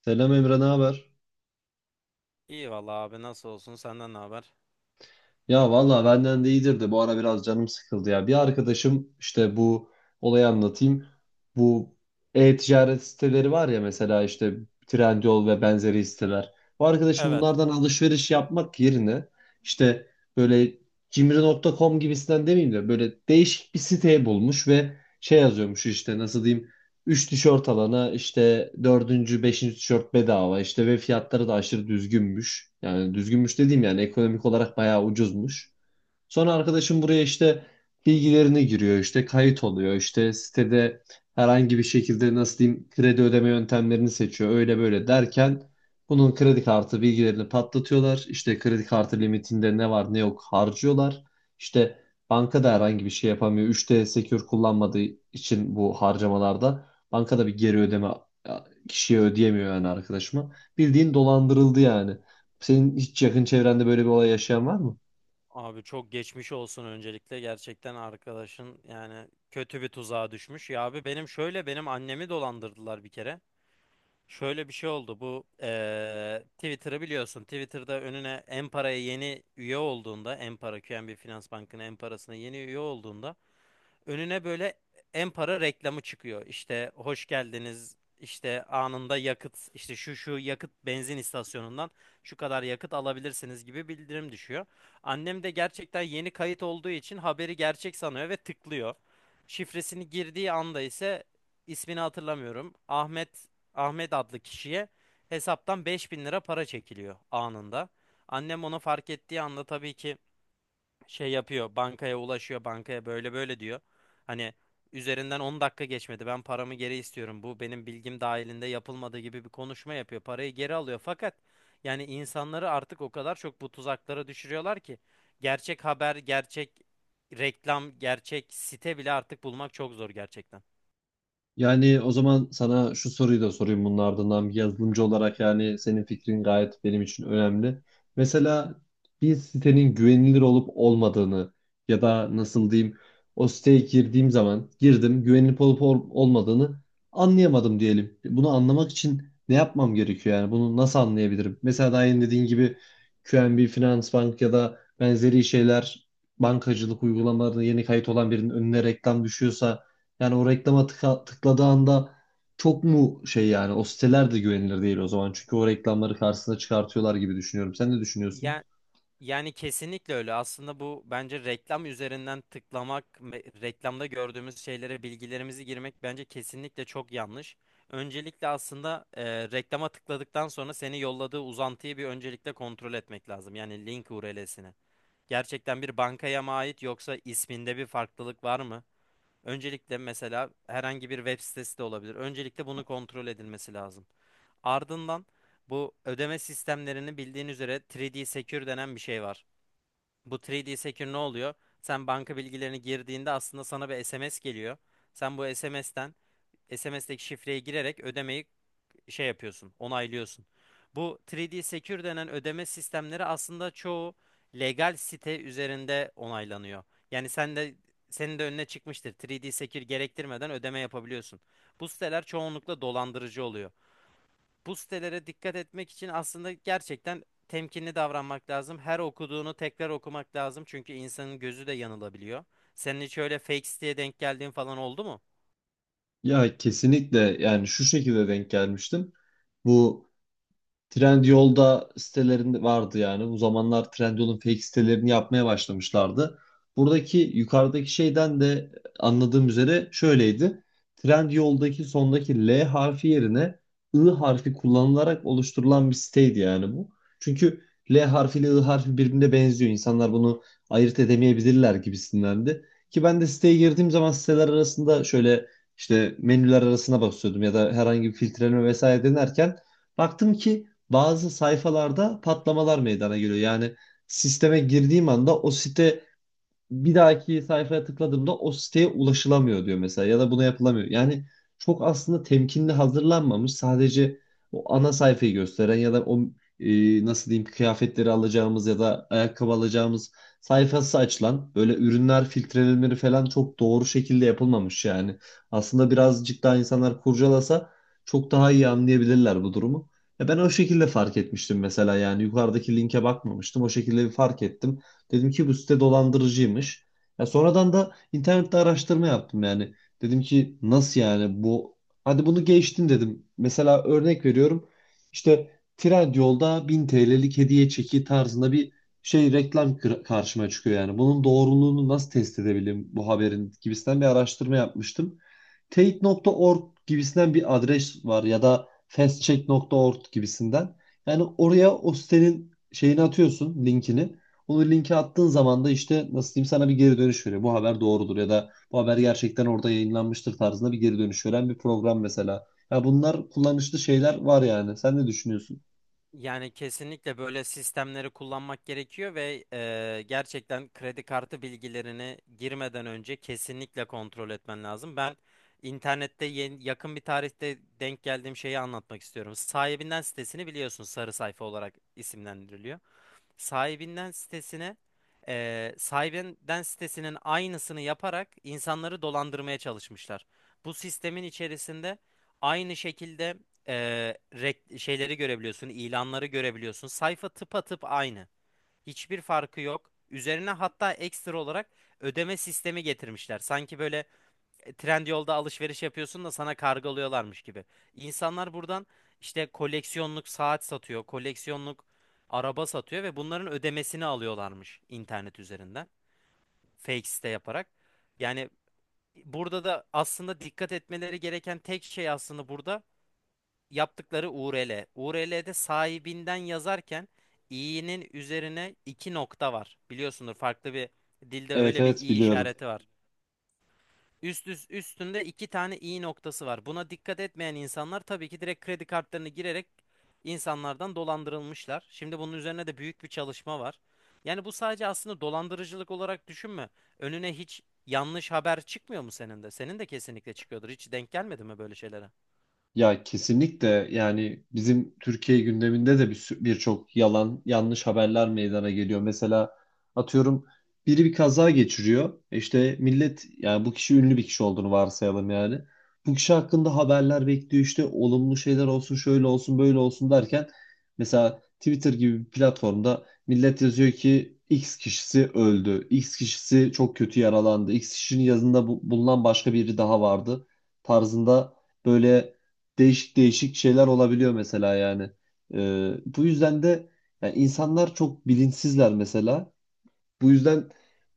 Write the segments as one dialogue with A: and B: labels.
A: Selam Emre, ne haber?
B: İyi valla abi nasıl olsun senden ne haber?
A: Ya valla benden de iyidir de bu ara biraz canım sıkıldı ya. Bir arkadaşım işte bu olayı anlatayım. Bu e-ticaret siteleri var ya mesela işte Trendyol ve benzeri siteler. Bu arkadaşım
B: Evet
A: bunlardan alışveriş yapmak yerine işte böyle cimri.com gibisinden demeyeyim de böyle değişik bir site bulmuş ve şey yazıyormuş işte nasıl diyeyim: üç tişört alana işte dördüncü beşinci tişört bedava işte ve fiyatları da aşırı düzgünmüş. Yani düzgünmüş dediğim yani ekonomik olarak bayağı ucuzmuş. Sonra arkadaşım buraya işte bilgilerini giriyor, işte kayıt oluyor, işte sitede herhangi bir şekilde nasıl diyeyim kredi ödeme yöntemlerini seçiyor. Öyle böyle derken bunun kredi kartı bilgilerini patlatıyorlar. İşte kredi kartı limitinde ne var ne yok harcıyorlar. İşte bankada herhangi bir şey yapamıyor. 3D Secure kullanmadığı için bu harcamalarda bankada bir geri ödeme ya, kişiye ödeyemiyor yani arkadaşıma. Bildiğin dolandırıldı yani. Senin hiç yakın çevrende böyle bir olay yaşayan var mı?
B: abi çok geçmiş olsun öncelikle gerçekten arkadaşın yani kötü bir tuzağa düşmüş. Ya abi benim şöyle benim annemi dolandırdılar bir kere. Şöyle bir şey oldu bu Twitter'ı biliyorsun. Twitter'da önüne Empara'ya yeni üye olduğunda, Empara QNB Finans Bankı'nın Empara'sına yeni üye olduğunda önüne böyle en para reklamı çıkıyor. İşte hoş geldiniz, İşte anında yakıt, işte şu yakıt benzin istasyonundan şu kadar yakıt alabilirsiniz gibi bildirim düşüyor. Annem de gerçekten yeni kayıt olduğu için haberi gerçek sanıyor ve tıklıyor. Şifresini girdiği anda ise ismini hatırlamıyorum. Ahmet adlı kişiye hesaptan 5.000 lira para çekiliyor anında. Annem onu fark ettiği anda tabii ki şey yapıyor, bankaya ulaşıyor, bankaya böyle böyle diyor. Hani üzerinden 10 dakika geçmedi, ben paramı geri istiyorum, bu benim bilgim dahilinde yapılmadığı gibi bir konuşma yapıyor, parayı geri alıyor. Fakat yani insanları artık o kadar çok bu tuzaklara düşürüyorlar ki gerçek haber, gerçek reklam, gerçek site bile artık bulmak çok zor gerçekten.
A: Yani o zaman sana şu soruyu da sorayım, bunun ardından bir yazılımcı olarak yani senin fikrin gayet benim için önemli. Mesela bir sitenin güvenilir olup olmadığını ya da nasıl diyeyim o siteye girdiğim zaman girdim, güvenilip olup olmadığını anlayamadım diyelim. Bunu anlamak için ne yapmam gerekiyor, yani bunu nasıl anlayabilirim? Mesela daha yeni dediğin gibi QNB, Finansbank ya da benzeri şeyler bankacılık uygulamalarına yeni kayıt olan birinin önüne reklam düşüyorsa yani o reklama tıkladığı anda çok mu şey yani, o siteler de güvenilir değil o zaman. Çünkü o reklamları karşısına çıkartıyorlar gibi düşünüyorum. Sen ne düşünüyorsun?
B: Yani kesinlikle öyle. Aslında bu bence reklam üzerinden tıklamak, reklamda gördüğümüz şeylere bilgilerimizi girmek bence kesinlikle çok yanlış. Öncelikle aslında reklama tıkladıktan sonra seni yolladığı uzantıyı bir öncelikle kontrol etmek lazım. Yani link URL'sini. Gerçekten bir bankaya mı ait, yoksa isminde bir farklılık var mı? Öncelikle mesela herhangi bir web sitesi de olabilir. Öncelikle bunu kontrol edilmesi lazım. Ardından bu ödeme sistemlerini, bildiğin üzere 3D Secure denen bir şey var. Bu 3D Secure ne oluyor? Sen banka bilgilerini girdiğinde aslında sana bir SMS geliyor. Sen bu SMS'teki şifreye girerek ödemeyi şey yapıyorsun, onaylıyorsun. Bu 3D Secure denen ödeme sistemleri aslında çoğu legal site üzerinde onaylanıyor. Yani senin de önüne çıkmıştır. 3D Secure gerektirmeden ödeme yapabiliyorsun. Bu siteler çoğunlukla dolandırıcı oluyor. Bu sitelere dikkat etmek için aslında gerçekten temkinli davranmak lazım. Her okuduğunu tekrar okumak lazım, çünkü insanın gözü de yanılabiliyor. Senin hiç öyle fake siteye denk geldiğin falan oldu mu?
A: Ya kesinlikle, yani şu şekilde denk gelmiştim. Bu Trendyol'da sitelerinde vardı yani. Bu zamanlar Trendyol'un fake sitelerini yapmaya başlamışlardı. Buradaki yukarıdaki şeyden de anladığım üzere şöyleydi: Trendyol'daki sondaki L harfi yerine I harfi kullanılarak oluşturulan bir siteydi yani bu. Çünkü L harfi ile I harfi birbirine benziyor. İnsanlar bunu ayırt edemeyebilirler gibisindendi. Ki ben de siteye girdiğim zaman siteler arasında şöyle işte menüler arasına basıyordum ya da herhangi bir filtreleme vesaire denerken baktım ki bazı sayfalarda patlamalar meydana geliyor. Yani sisteme girdiğim anda o site, bir dahaki sayfaya tıkladığımda o siteye ulaşılamıyor diyor mesela ya da buna yapılamıyor. Yani çok aslında temkinli hazırlanmamış, sadece o ana sayfayı gösteren ya da o nasıl diyeyim kıyafetleri alacağımız ya da ayakkabı alacağımız sayfası açılan böyle ürünler filtrelenmeleri falan çok doğru şekilde yapılmamış yani. Aslında birazcık daha insanlar kurcalasa çok daha iyi anlayabilirler bu durumu. Ya ben o şekilde fark etmiştim mesela, yani yukarıdaki linke bakmamıştım. O şekilde bir fark ettim. Dedim ki bu site dolandırıcıymış. Ya sonradan da internette araştırma yaptım yani. Dedim ki nasıl yani bu, hadi bunu geçtim dedim. Mesela örnek veriyorum. İşte Trendyol'da 1000 TL'lik hediye çeki tarzında bir şey reklam karşıma çıkıyor yani. Bunun doğruluğunu nasıl test edebilirim, bu haberin gibisinden bir araştırma yapmıştım. Teyit.org gibisinden bir adres var ya da fastcheck.org gibisinden. Yani oraya o sitenin şeyini atıyorsun, linkini. Onu linke attığın zaman da işte nasıl diyeyim sana bir geri dönüş veriyor. Bu haber doğrudur ya da bu haber gerçekten orada yayınlanmıştır tarzında bir geri dönüş veren bir program mesela. Ya bunlar kullanışlı şeyler var yani. Sen ne düşünüyorsun?
B: Yani kesinlikle böyle sistemleri kullanmak gerekiyor ve gerçekten kredi kartı bilgilerini girmeden önce kesinlikle kontrol etmen lazım. Ben internette yeni, yakın bir tarihte denk geldiğim şeyi anlatmak istiyorum. Sahibinden sitesini biliyorsun, sarı sayfa olarak isimlendiriliyor. Sahibinden sitesine sahibinden sitesinin aynısını yaparak insanları dolandırmaya çalışmışlar. Bu sistemin içerisinde aynı şekilde, şeyleri görebiliyorsun, ilanları görebiliyorsun. Sayfa tıpatıp aynı. Hiçbir farkı yok. Üzerine hatta ekstra olarak ödeme sistemi getirmişler. Sanki böyle, Trendyol'da alışveriş yapıyorsun da sana kargılıyorlarmış gibi. İnsanlar buradan işte koleksiyonluk saat satıyor, koleksiyonluk araba satıyor ve bunların ödemesini alıyorlarmış internet üzerinden. Fake site yaparak. Yani burada da aslında dikkat etmeleri gereken tek şey aslında burada yaptıkları URL. URL'de sahibinden yazarken i'nin üzerine iki nokta var. Biliyorsundur, farklı bir dilde
A: Evet,
B: öyle bir
A: evet,
B: i
A: biliyorum.
B: işareti var. Üst üstünde iki tane i noktası var. Buna dikkat etmeyen insanlar tabii ki direkt kredi kartlarını girerek insanlardan dolandırılmışlar. Şimdi bunun üzerine de büyük bir çalışma var. Yani bu sadece aslında dolandırıcılık olarak düşünme. Önüne hiç yanlış haber çıkmıyor mu senin de? Senin de kesinlikle çıkıyordur. Hiç denk gelmedi mi böyle şeylere?
A: Ya kesinlikle, yani bizim Türkiye gündeminde de bir birçok yalan yanlış haberler meydana geliyor. Mesela atıyorum biri bir kaza geçiriyor. İşte millet, yani bu kişi ünlü bir kişi olduğunu varsayalım yani. Bu kişi hakkında haberler bekliyor, işte olumlu şeyler olsun, şöyle olsun, böyle olsun derken mesela Twitter gibi bir platformda millet yazıyor ki X kişisi öldü. X kişisi çok kötü yaralandı. X kişinin yanında bulunan başka biri daha vardı tarzında böyle değişik değişik şeyler olabiliyor mesela yani. Bu yüzden de yani insanlar çok bilinçsizler mesela. Bu yüzden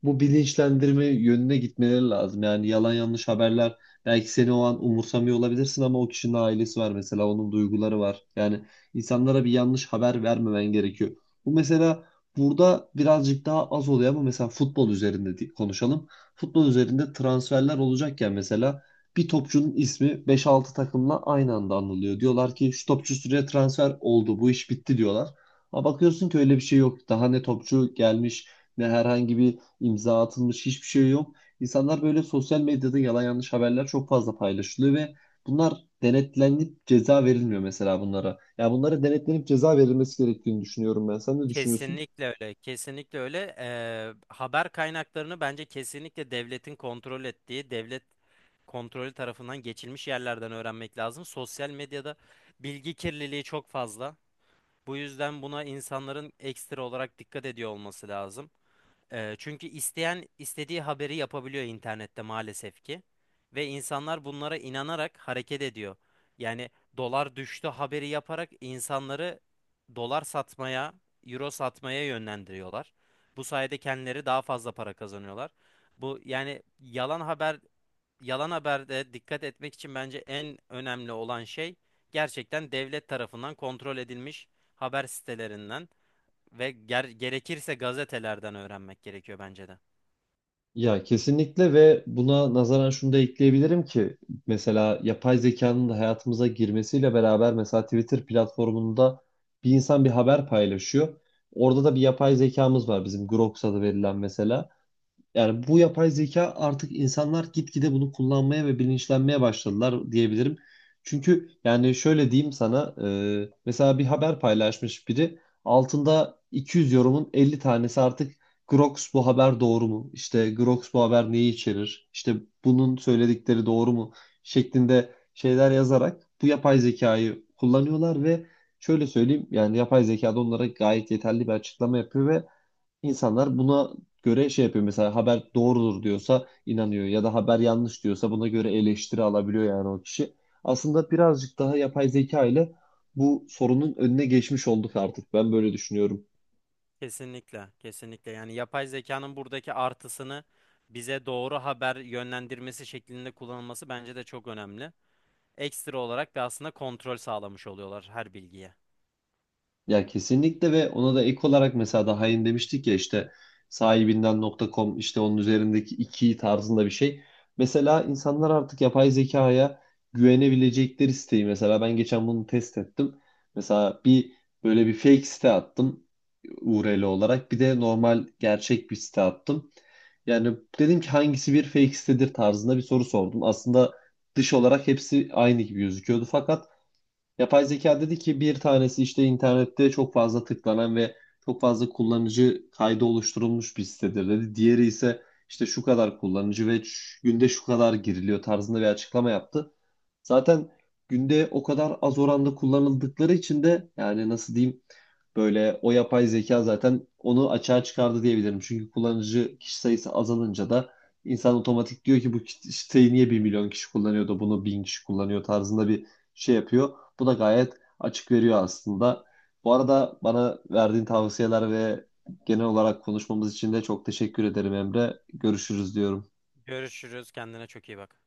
A: bu bilinçlendirme yönüne gitmeleri lazım. Yani yalan yanlış haberler, belki seni o an umursamıyor olabilirsin ama o kişinin ailesi var mesela, onun duyguları var. Yani insanlara bir yanlış haber vermemen gerekiyor. Bu mesela burada birazcık daha az oluyor ama mesela futbol üzerinde konuşalım. Futbol üzerinde transferler olacakken mesela bir topçunun ismi beş altı takımla aynı anda anılıyor. Diyorlar ki şu topçu şuraya transfer oldu, bu iş bitti diyorlar. Ama bakıyorsun ki öyle bir şey yok. Daha ne topçu gelmiş ne herhangi bir imza atılmış, hiçbir şey yok. İnsanlar böyle sosyal medyada yalan yanlış haberler çok fazla paylaşılıyor ve bunlar denetlenip ceza verilmiyor mesela bunlara. Yani bunlara denetlenip ceza verilmesi gerektiğini düşünüyorum ben. Sen ne düşünüyorsun?
B: Kesinlikle öyle, kesinlikle öyle. Haber kaynaklarını bence kesinlikle devletin kontrol ettiği, devlet kontrolü tarafından geçilmiş yerlerden öğrenmek lazım. Sosyal medyada bilgi kirliliği çok fazla. Bu yüzden buna insanların ekstra olarak dikkat ediyor olması lazım. Çünkü isteyen istediği haberi yapabiliyor internette maalesef ki. Ve insanlar bunlara inanarak hareket ediyor. Yani dolar düştü haberi yaparak insanları dolar satmaya, euro satmaya yönlendiriyorlar. Bu sayede kendileri daha fazla para kazanıyorlar. Bu yani yalan haberde dikkat etmek için bence en önemli olan şey gerçekten devlet tarafından kontrol edilmiş haber sitelerinden ve gerekirse gazetelerden öğrenmek gerekiyor bence de.
A: Ya kesinlikle, ve buna nazaran şunu da ekleyebilirim ki mesela yapay zekanın da hayatımıza girmesiyle beraber mesela Twitter platformunda bir insan bir haber paylaşıyor. Orada da bir yapay zekamız var bizim, Grok adı verilen mesela. Yani bu yapay zeka artık, insanlar gitgide bunu kullanmaya ve bilinçlenmeye başladılar diyebilirim. Çünkü yani şöyle diyeyim sana, mesela bir haber paylaşmış biri, altında 200 yorumun 50 tanesi artık Grox bu haber doğru mu? İşte Grox bu haber neyi içerir? İşte bunun söyledikleri doğru mu? Şeklinde şeyler yazarak bu yapay zekayı kullanıyorlar ve şöyle söyleyeyim, yani yapay zeka da onlara gayet yeterli bir açıklama yapıyor ve İnsanlar buna göre şey yapıyor. Mesela haber doğrudur diyorsa inanıyor ya da haber yanlış diyorsa buna göre eleştiri alabiliyor yani o kişi. Aslında birazcık daha yapay zeka ile bu sorunun önüne geçmiş olduk artık. Ben böyle düşünüyorum.
B: Kesinlikle, kesinlikle. Yani yapay zekanın buradaki artısını bize doğru haber yönlendirmesi şeklinde kullanılması bence de çok önemli. Ekstra olarak da aslında kontrol sağlamış oluyorlar her bilgiye.
A: Ya kesinlikle, ve ona da ek olarak mesela daha yeni demiştik ya işte sahibinden nokta .com, işte onun üzerindeki iki tarzında bir şey. Mesela insanlar artık yapay zekaya güvenebilecekleri siteyi, mesela ben geçen bunu test ettim. Mesela bir böyle bir fake site attım URL olarak, bir de normal gerçek bir site attım. Yani dedim ki hangisi bir fake sitedir tarzında bir soru sordum. Aslında dış olarak hepsi aynı gibi gözüküyordu fakat yapay zeka dedi ki bir tanesi işte internette çok fazla tıklanan ve çok fazla kullanıcı kaydı oluşturulmuş bir sitedir dedi. Diğeri ise işte şu kadar kullanıcı ve günde şu kadar giriliyor tarzında bir açıklama yaptı. Zaten günde o kadar az oranda kullanıldıkları için de yani nasıl diyeyim böyle o yapay zeka zaten onu açığa çıkardı diyebilirim. Çünkü kullanıcı kişi sayısı azalınca da insan otomatik diyor ki bu siteyi niye bir milyon kişi kullanıyor da bunu 1000 kişi kullanıyor tarzında bir şey yapıyor. Bu da gayet açık veriyor aslında. Bu arada bana verdiğin tavsiyeler ve genel olarak konuşmamız için de çok teşekkür ederim Emre. Görüşürüz diyorum.
B: Görüşürüz. Kendine çok iyi bak.